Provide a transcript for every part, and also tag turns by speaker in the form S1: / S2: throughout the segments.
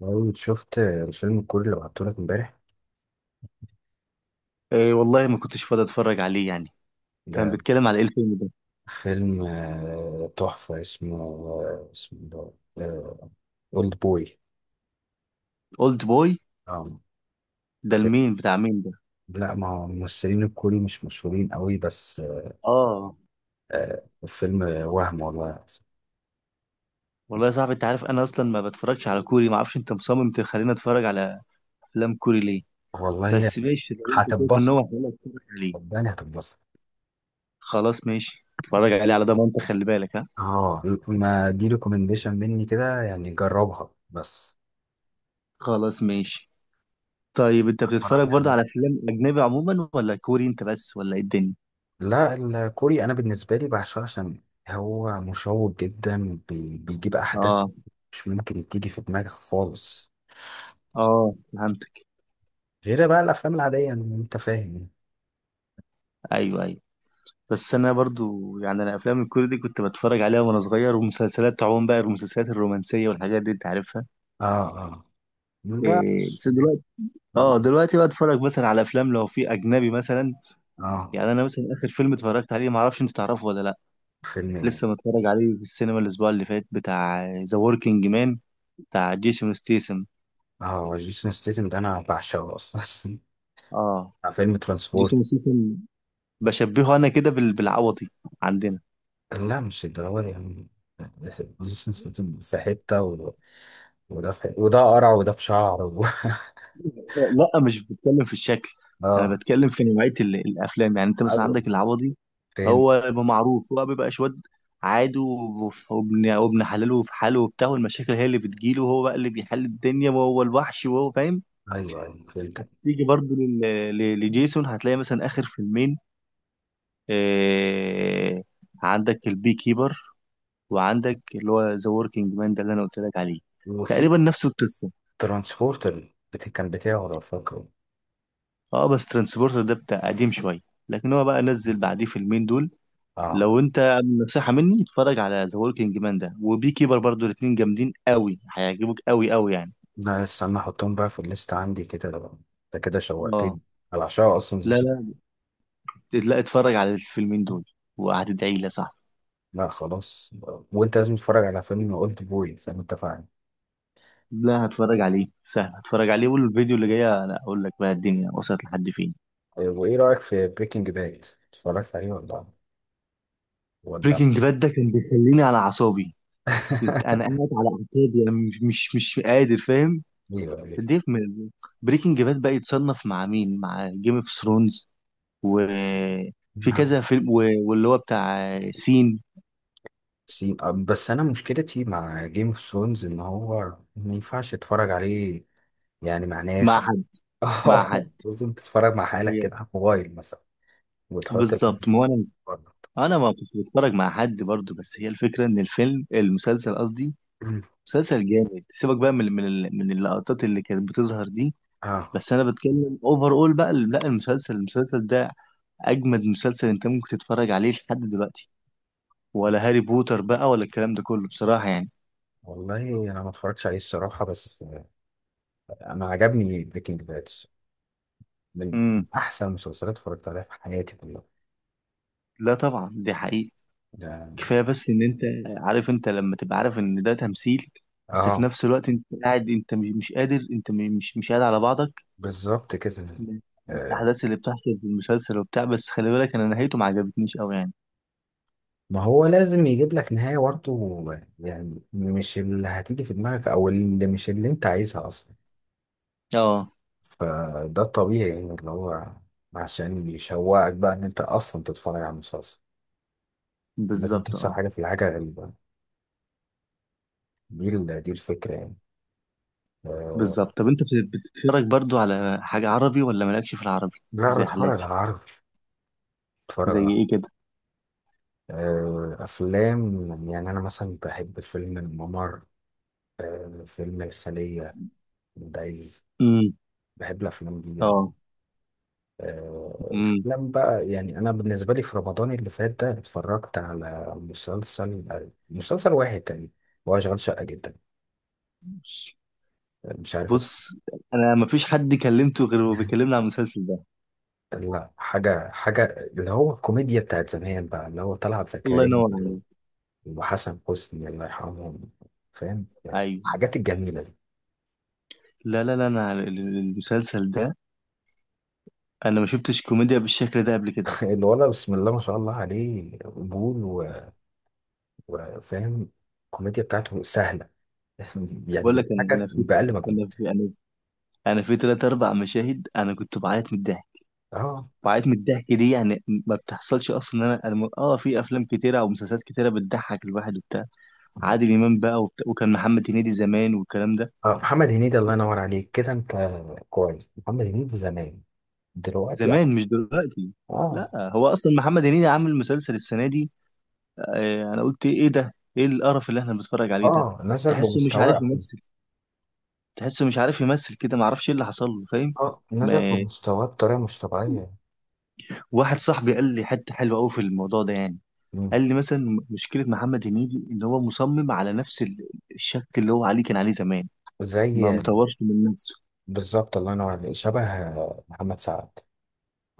S1: لو شفت الفيلم الكوري اللي بعتهولك امبارح،
S2: إيه والله ما كنتش فاضي اتفرج عليه يعني. كان
S1: ده
S2: بيتكلم على ايه الفيلم ده؟
S1: فيلم تحفة. اسمه أولد بوي.
S2: اولد بوي.
S1: اه.
S2: ده
S1: في-
S2: المين بتاع مين ده؟
S1: لا، ما هو الممثلين الكوري مش مشهورين قوي بس.
S2: اه.
S1: الفيلم وهم والله.
S2: والله يا صاحبي انت عارف انا اصلا ما بتفرجش على كوري، ما اعرفش انت مصمم تخليني اتفرج على افلام كوري ليه.
S1: والله،
S2: بس ماشي، لو انت شايف ان
S1: هتتبسط.
S2: هو حلو اتفرج عليه.
S1: صدقني هتتبسط.
S2: خلاص ماشي، اتفرج عليه على ضمانتك، خلي بالك ها.
S1: اه، ما دي ريكومنديشن مني كده، يعني جربها بس.
S2: خلاص ماشي. طيب انت
S1: اتفرج.
S2: بتتفرج برضه على افلام اجنبي عموما ولا كوري انت بس ولا ايه الدنيا؟
S1: لا، الكوري انا بالنسبه لي بعشقه عشان هو مشوق جدا. بيجيب احداث
S2: اه
S1: مش ممكن تيجي في دماغك خالص،
S2: اه، فهمتك.
S1: غير بقى الافلام العاديه، يعني، انت فاهم يعني.
S2: ايوه ايوه. بس انا برضو يعني انا افلام الكوري دي كنت بتفرج عليها وانا صغير، ومسلسلات عموما بقى المسلسلات الرومانسيه والحاجات دي انت عارفها.
S1: اه، اه. لا.
S2: إيه بس دلوقتي، اه دلوقتي بقى اتفرج مثلا على افلام لو في اجنبي مثلا.
S1: اه.
S2: يعني انا مثلا اخر فيلم اتفرجت عليه ما اعرفش انت تعرفه ولا لا،
S1: فيلم ايه؟
S2: لسه متفرج عليه في السينما الاسبوع اللي فات، بتاع ذا وركينج مان، بتاع جيسون ستيسن.
S1: اه، جيسون ستيتم ده انا بعشقه اصلا.
S2: اه
S1: فيلم ترانسبورت.
S2: جيسون ستيسن. بشبهه انا كده بالعوضي عندنا.
S1: لا، مش الدراما دي يعني. جيسون ستيتم في حته. وده في حتة. وده قرع، وده بشعر.
S2: لا مش بتكلم في الشكل. انا
S1: اه.
S2: بتكلم في نوعيه الافلام، يعني انت مثلا
S1: ايوه
S2: عندك العوضي.
S1: فهمت.
S2: هو بيبقى معروف، هو بيبقى شواد عادي، وابن حلاله في حاله وبتاع، والمشاكل هي اللي بتجيله وهو بقى اللي بيحل الدنيا وهو الوحش وهو فاهم.
S1: ايوه، ايوه فهمت.
S2: تيجي برضه لجيسون هتلاقي مثلا اخر فيلمين، آه، عندك البي كيبر وعندك اللي هو ذا وركينج مان ده اللي انا قلت لك عليه،
S1: وفي
S2: تقريبا نفس القصه.
S1: ترانسبورتر، كان بتاعه، لو فاكره.
S2: اه بس ترانسبورتر ده بتاع قديم شويه، لكن هو بقى نزل بعديه فيلمين دول.
S1: اه.
S2: لو انت، نصيحة مني، اتفرج على ذا وركينج مان ده وبي كيبر برضو، الاتنين جامدين قوي، هيعجبوك قوي قوي يعني.
S1: لا، استنى احطهم بقى في الليست عندي كده، انت كده
S2: اه.
S1: شوقتني. انا بعشقها اصلا،
S2: لا لا لا، اتفرج على الفيلمين دول وهتدعي لي يا صاحبي.
S1: لا خلاص. وانت لازم تتفرج على فيلم اولد بوي زي ما اتفقنا.
S2: لا هتفرج عليه سهل، هتفرج عليه. والفيديو اللي جاي انا اقول لك بقى الدنيا وصلت لحد فين.
S1: وايه رايك في بريكنج باد؟ اتفرجت عليه ولا؟
S2: بريكنج باد ده كان بيخليني على اعصابي. انا قاعد على اعصابي، انا مش قادر فاهم.
S1: ايوه، ايوه.
S2: ديف. بريكنج باد بقى يتصنف مع مين؟ مع جيم اوف ثرونز وفي
S1: نعم.
S2: كذا فيلم واللي هو بتاع سين.
S1: بس انا مشكلتي مع جيم اوف ثرونز ان هو ما ينفعش اتفرج عليه، يعني مع ناس.
S2: مع حد. مع حد.
S1: لازم تتفرج مع حالك
S2: هي.
S1: كده على الموبايل مثلا، وتحط ال-
S2: بالظبط، ما هو انا،
S1: بره.
S2: انا ما كنت بتفرج مع حد برضو، بس هي الفكره ان الفيلم المسلسل قصدي، مسلسل جامد، سيبك بقى من من اللقطات اللي كانت بتظهر دي.
S1: اه.
S2: بس انا بتكلم اوفر اول، بقى لا، المسلسل ده اجمد مسلسل انت ممكن تتفرج عليه لحد دلوقتي، ولا هاري بوتر بقى ولا الكلام ده كله بصراحه يعني.
S1: والله انا ما اتفرجتش عليه الصراحه، بس انا عجبني بريكنج باد. من
S2: امم
S1: احسن المسلسلات اتفرجت عليها في حياتي كلها.
S2: لا طبعا، دي حقيقة.
S1: ده.
S2: كفايه بس ان انت عارف، انت لما تبقى عارف ان ده تمثيل بس في
S1: اه.
S2: نفس الوقت انت قاعد، انت مش قادر، انت مش قاعد على بعضك
S1: بالظبط كده.
S2: من من
S1: آه،
S2: الأحداث اللي بتحصل في المسلسل وبتاع، بس خلي بالك أنا نهايته ما عجبتنيش أوي يعني.
S1: ما هو لازم يجيب لك نهايه برضه، يعني مش اللي هتيجي في دماغك، او اللي مش اللي انت عايزها اصلا.
S2: اه
S1: فده الطبيعي، يعني اللي هو عشان يشوقك بقى ان انت اصلا تتفرج على المسلسل. لازم
S2: بالظبط،
S1: تحصل
S2: اه
S1: حاجه، في الحاجه غريبه. دي الفكره يعني. آه،
S2: بالظبط. طب أنت بتتفرج برضو على حاجة عربي ولا مالكش في العربي؟
S1: لا،
S2: زي
S1: بتفرج
S2: حالاتي.
S1: على عربي. بتفرج
S2: زي
S1: على
S2: إيه كده؟
S1: أفلام، يعني أنا مثلا بحب فيلم الممر، فيلم الخلية، دايز.
S2: امم
S1: بحب الأفلام دي يعني.
S2: اه امم
S1: أفلام بقى يعني. أنا بالنسبة لي في رمضان اللي فات ده اتفرجت على مسلسل واحد تاني. هو شغال شقة جدا. مش عارف
S2: بص، أنا ما فيش حد كلمته غير هو بيكلمني عن المسلسل ده.
S1: لا، حاجة حاجة، اللي هو الكوميديا بتاعت زمان بقى، اللي هو طلعت
S2: الله
S1: زكريا
S2: ينور عليك.
S1: وحسن حسني، الله يرحمهم. فاهم؟
S2: أيوه.
S1: حاجات الجميلة دي.
S2: لا لا لا، أنا على المسلسل ده، أنا ما شفتش كوميديا بالشكل ده قبل كده.
S1: الولد بسم الله ما شاء الله عليه، قبول وفاهم. الكوميديا بتاعته سهله. يعني
S2: بقول لك أنا،
S1: بيضحكك باقل
S2: أنا
S1: مجهود.
S2: في أنا في أنا في تلات أربع مشاهد أنا كنت بعيط من الضحك،
S1: اه،
S2: وقعت من الضحك، دي يعني ما بتحصلش اصلا. إن انا أنا، في افلام كتيره او مسلسلات كتيره بتضحك الواحد وبتاع. عادل امام بقى وبتاع، وكان محمد هنيدي زمان والكلام ده.
S1: اه. محمد هنيدي، الله ينور عليك كده، انت كويس. محمد هنيدي زمان. دلوقتي اه.
S2: زمان مش دلوقتي.
S1: اه.
S2: لا هو اصلا محمد هنيدي عامل مسلسل السنه دي، آه، انا قلت ايه ده، ايه القرف اللي احنا بنتفرج عليه ده.
S1: نزل
S2: تحسه مش عارف
S1: بمستواه.
S2: يمثل. تحسه مش عارف يمثل كده، ما اعرفش ايه اللي حصل له فاهم.
S1: اه، نزل
S2: ما-
S1: بمستواه بطريقه مش طبيعيه.
S2: واحد صاحبي قال لي حته حلوه قوي في الموضوع ده يعني.
S1: مم.
S2: قال لي مثلا مشكله محمد هنيدي ان هو مصمم على نفس الشكل اللي هو عليه كان عليه زمان،
S1: زي.
S2: ما مطورش من نفسه.
S1: بالظبط، الله ينور عليك، شبه محمد سعد.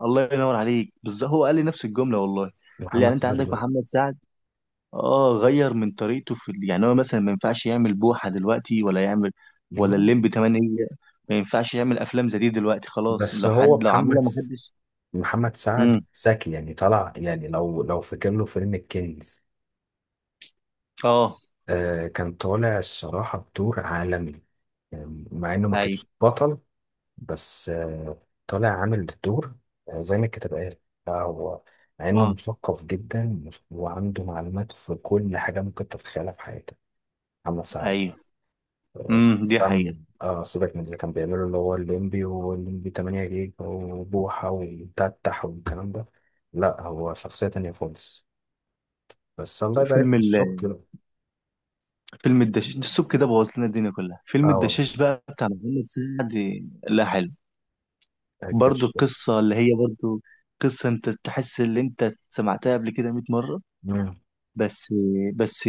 S2: الله ينور عليك بالظبط، هو قال لي نفس الجمله والله، قال لي يعني
S1: محمد
S2: انت
S1: سعد.
S2: عندك محمد سعد. اه غير من طريقته في يعني هو مثلا ما ينفعش يعمل بوحه دلوقتي ولا يعمل ولا
S1: لا،
S2: الليمبي 8. ما ينفعش يعمل افلام زي دي دلوقتي خلاص،
S1: بس
S2: لو
S1: هو
S2: حد لو عملها
S1: محمد
S2: ما حدش.
S1: محمد سعد
S2: امم.
S1: ذكي يعني، طلع يعني. لو فاكر له فيلم الكنز،
S2: اه
S1: آه، كان طالع الصراحة بدور عالمي، يعني مع إنه ما
S2: ايوه،
S1: كانش بطل. بس طالع عامل الدور، زي ما الكتاب قال. لا هو، مع إنه
S2: اه
S1: مثقف جدا وعنده معلومات في كل حاجة ممكن تتخيلها في حياتك. محمد سعد.
S2: ايوه.
S1: سيبك
S2: دي حقيقه.
S1: سيبك من اللي كان بيعمله، اللي هو الليمبي والليمبي 8 جيجا وبوحة وتتح والكلام ده. لا، هو شخصية تانية خالص. بس الله يبارك
S2: فيلم،
S1: في السكر.
S2: فيلم الدشاش، السوق كده بوظ لنا الدنيا كلها، فيلم
S1: اه.
S2: الدشاش بقى بتاع محمد سعد. لا حلو، برضو
S1: الدشاش.
S2: القصة اللي هي برضو قصة انت تحس اللي انت سمعتها قبل كده 100 مرة.
S1: مم.
S2: بس بس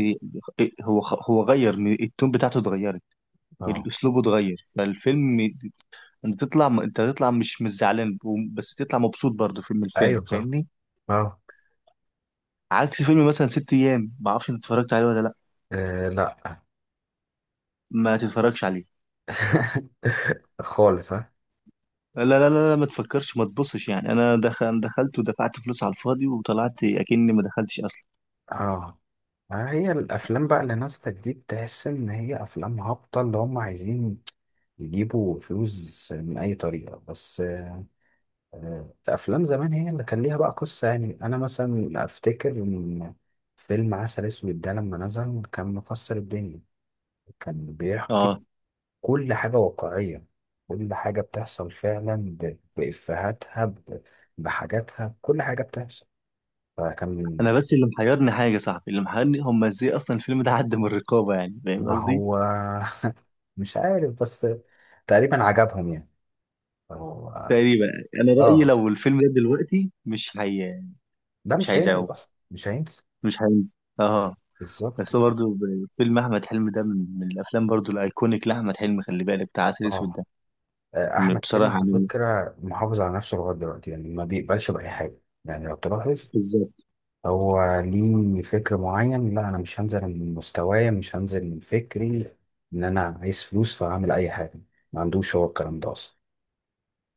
S2: هو غير التون بتاعته اتغيرت،
S1: اه.
S2: الاسلوب اتغير فالفيلم. انت تطلع مش زعلان، بس تطلع مبسوط برضو في من
S1: ايوه،
S2: الفيلم
S1: صح.
S2: فاهمني.
S1: اه.
S2: عكس فيلم مثلا ست ايام، ما اعرفش انت اتفرجت عليه ولا لا.
S1: لا.
S2: ما تتفرجش عليه.
S1: خالص، ها.
S2: لا لا لا لا، ما تفكرش ما تبصش يعني، انا دخلت ودفعت فلوس على الفاضي وطلعت اكني ما دخلتش اصلا.
S1: اه. هي الافلام بقى اللي نازله جديد، تحس ان هي افلام هابطه، اللي هم عايزين يجيبوا فلوس من اي طريقه بس. افلام زمان هي اللي كان ليها بقى قصه. يعني انا مثلا افتكر ان فيلم عسل اسود ده لما نزل كان مكسر الدنيا. كان بيحكي
S2: اه.
S1: كل حاجة واقعية، كل حاجة بتحصل فعلا، بإفهاتها، بحاجاتها، كل حاجة بتحصل. فكان.
S2: انا بس اللي محيرني حاجه يا صابحي، اللي محيرني هم ازاي اصلا الفيلم ده عدى من الرقابه، يعني فاهم
S1: ما
S2: قصدي.
S1: هو. مش عارف، بس تقريبا عجبهم يعني. فهو.
S2: تقريبا. انا رايي
S1: اه.
S2: لو الفيلم ده دلوقتي مش هي،
S1: ده
S2: مش
S1: مش هينزل
S2: هيذاعوه،
S1: أصلا، مش هينزل.
S2: مش هينزل. اه.
S1: بالظبط.
S2: بس هو برضه فيلم احمد حلمي ده من الافلام برضه الايكونيك لاحمد حلمي، خلي بالك بتاع عسل اسود
S1: اه.
S2: ده.
S1: أحمد حلمي
S2: بصراحه
S1: على
S2: يعني،
S1: فكرة محافظ على نفسه لغاية دلوقتي، يعني ما بيقبلش بأي حاجة، يعني لو تلاحظ
S2: بالظبط،
S1: هو ليه فكر معين. لا، انا مش هنزل من مستوايا، مش هنزل من فكري. ان انا عايز فلوس فهعمل اي حاجه، ما عندوش هو الكلام ده اصلا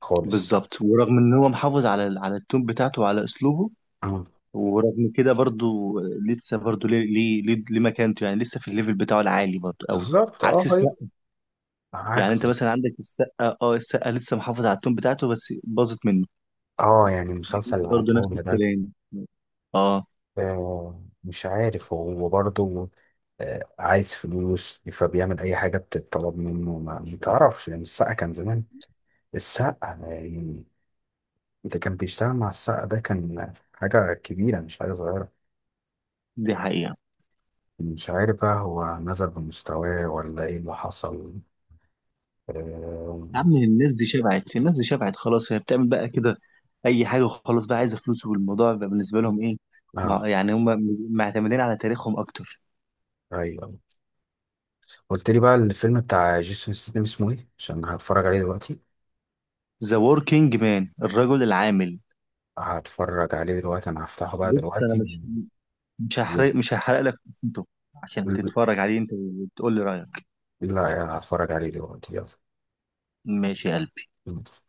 S1: خالص.
S2: بالظبط. ورغم ان هو محافظ على على التون بتاعته وعلى اسلوبه،
S1: آه،
S2: ورغم كده برضو لسه برضو ليه مكانته، يعني لسه في الليفل بتاعه العالي برضو قوي.
S1: بالظبط.
S2: عكس
S1: اه، هي.
S2: السقا. يعني
S1: عكس.
S2: انت مثلا عندك السقا، اه السقا لسه محافظ على التون بتاعته بس باظت منه.
S1: اه، يعني مسلسل
S2: هنيدي برضو نفس
S1: العتاولة ده.
S2: الكلام. اه،
S1: مش عارف هو برضه عايز فلوس فبيعمل اي حاجه بتتطلب منه، ما تعرفش يعني. السقا كان زمان. السقا يعني، ده كان بيشتغل مع السقا، ده كان حاجه كبيره مش حاجه صغيره.
S2: دي حقيقة.
S1: مش عارف بقى هو نزل بمستواه ولا ايه اللي حصل. اه.
S2: يا عم الناس دي شبعت، الناس دي شبعت خلاص، هي بتعمل بقى كده اي حاجة وخلاص، بقى عايزة فلوس والموضوع بقى بالنسبة لهم ايه.
S1: آه.
S2: يعني هم معتمدين على تاريخهم اكتر.
S1: ايوه. قلت لي بقى الفيلم بتاع جيسون ستاثام اسمه ايه؟ عشان هتفرج عليه دلوقتي.
S2: ذا وركينج مان، الرجل العامل.
S1: هتفرج عليه دلوقتي، انا هفتحه بقى
S2: بص انا
S1: دلوقتي.
S2: مش، مش
S1: لا.
S2: هحرق مش هحرق لك قصته عشان تتفرج عليه انت وتقول لي رأيك.
S1: لا، هتفرج عليه دلوقتي.
S2: ماشي يا قلبي.
S1: يلا.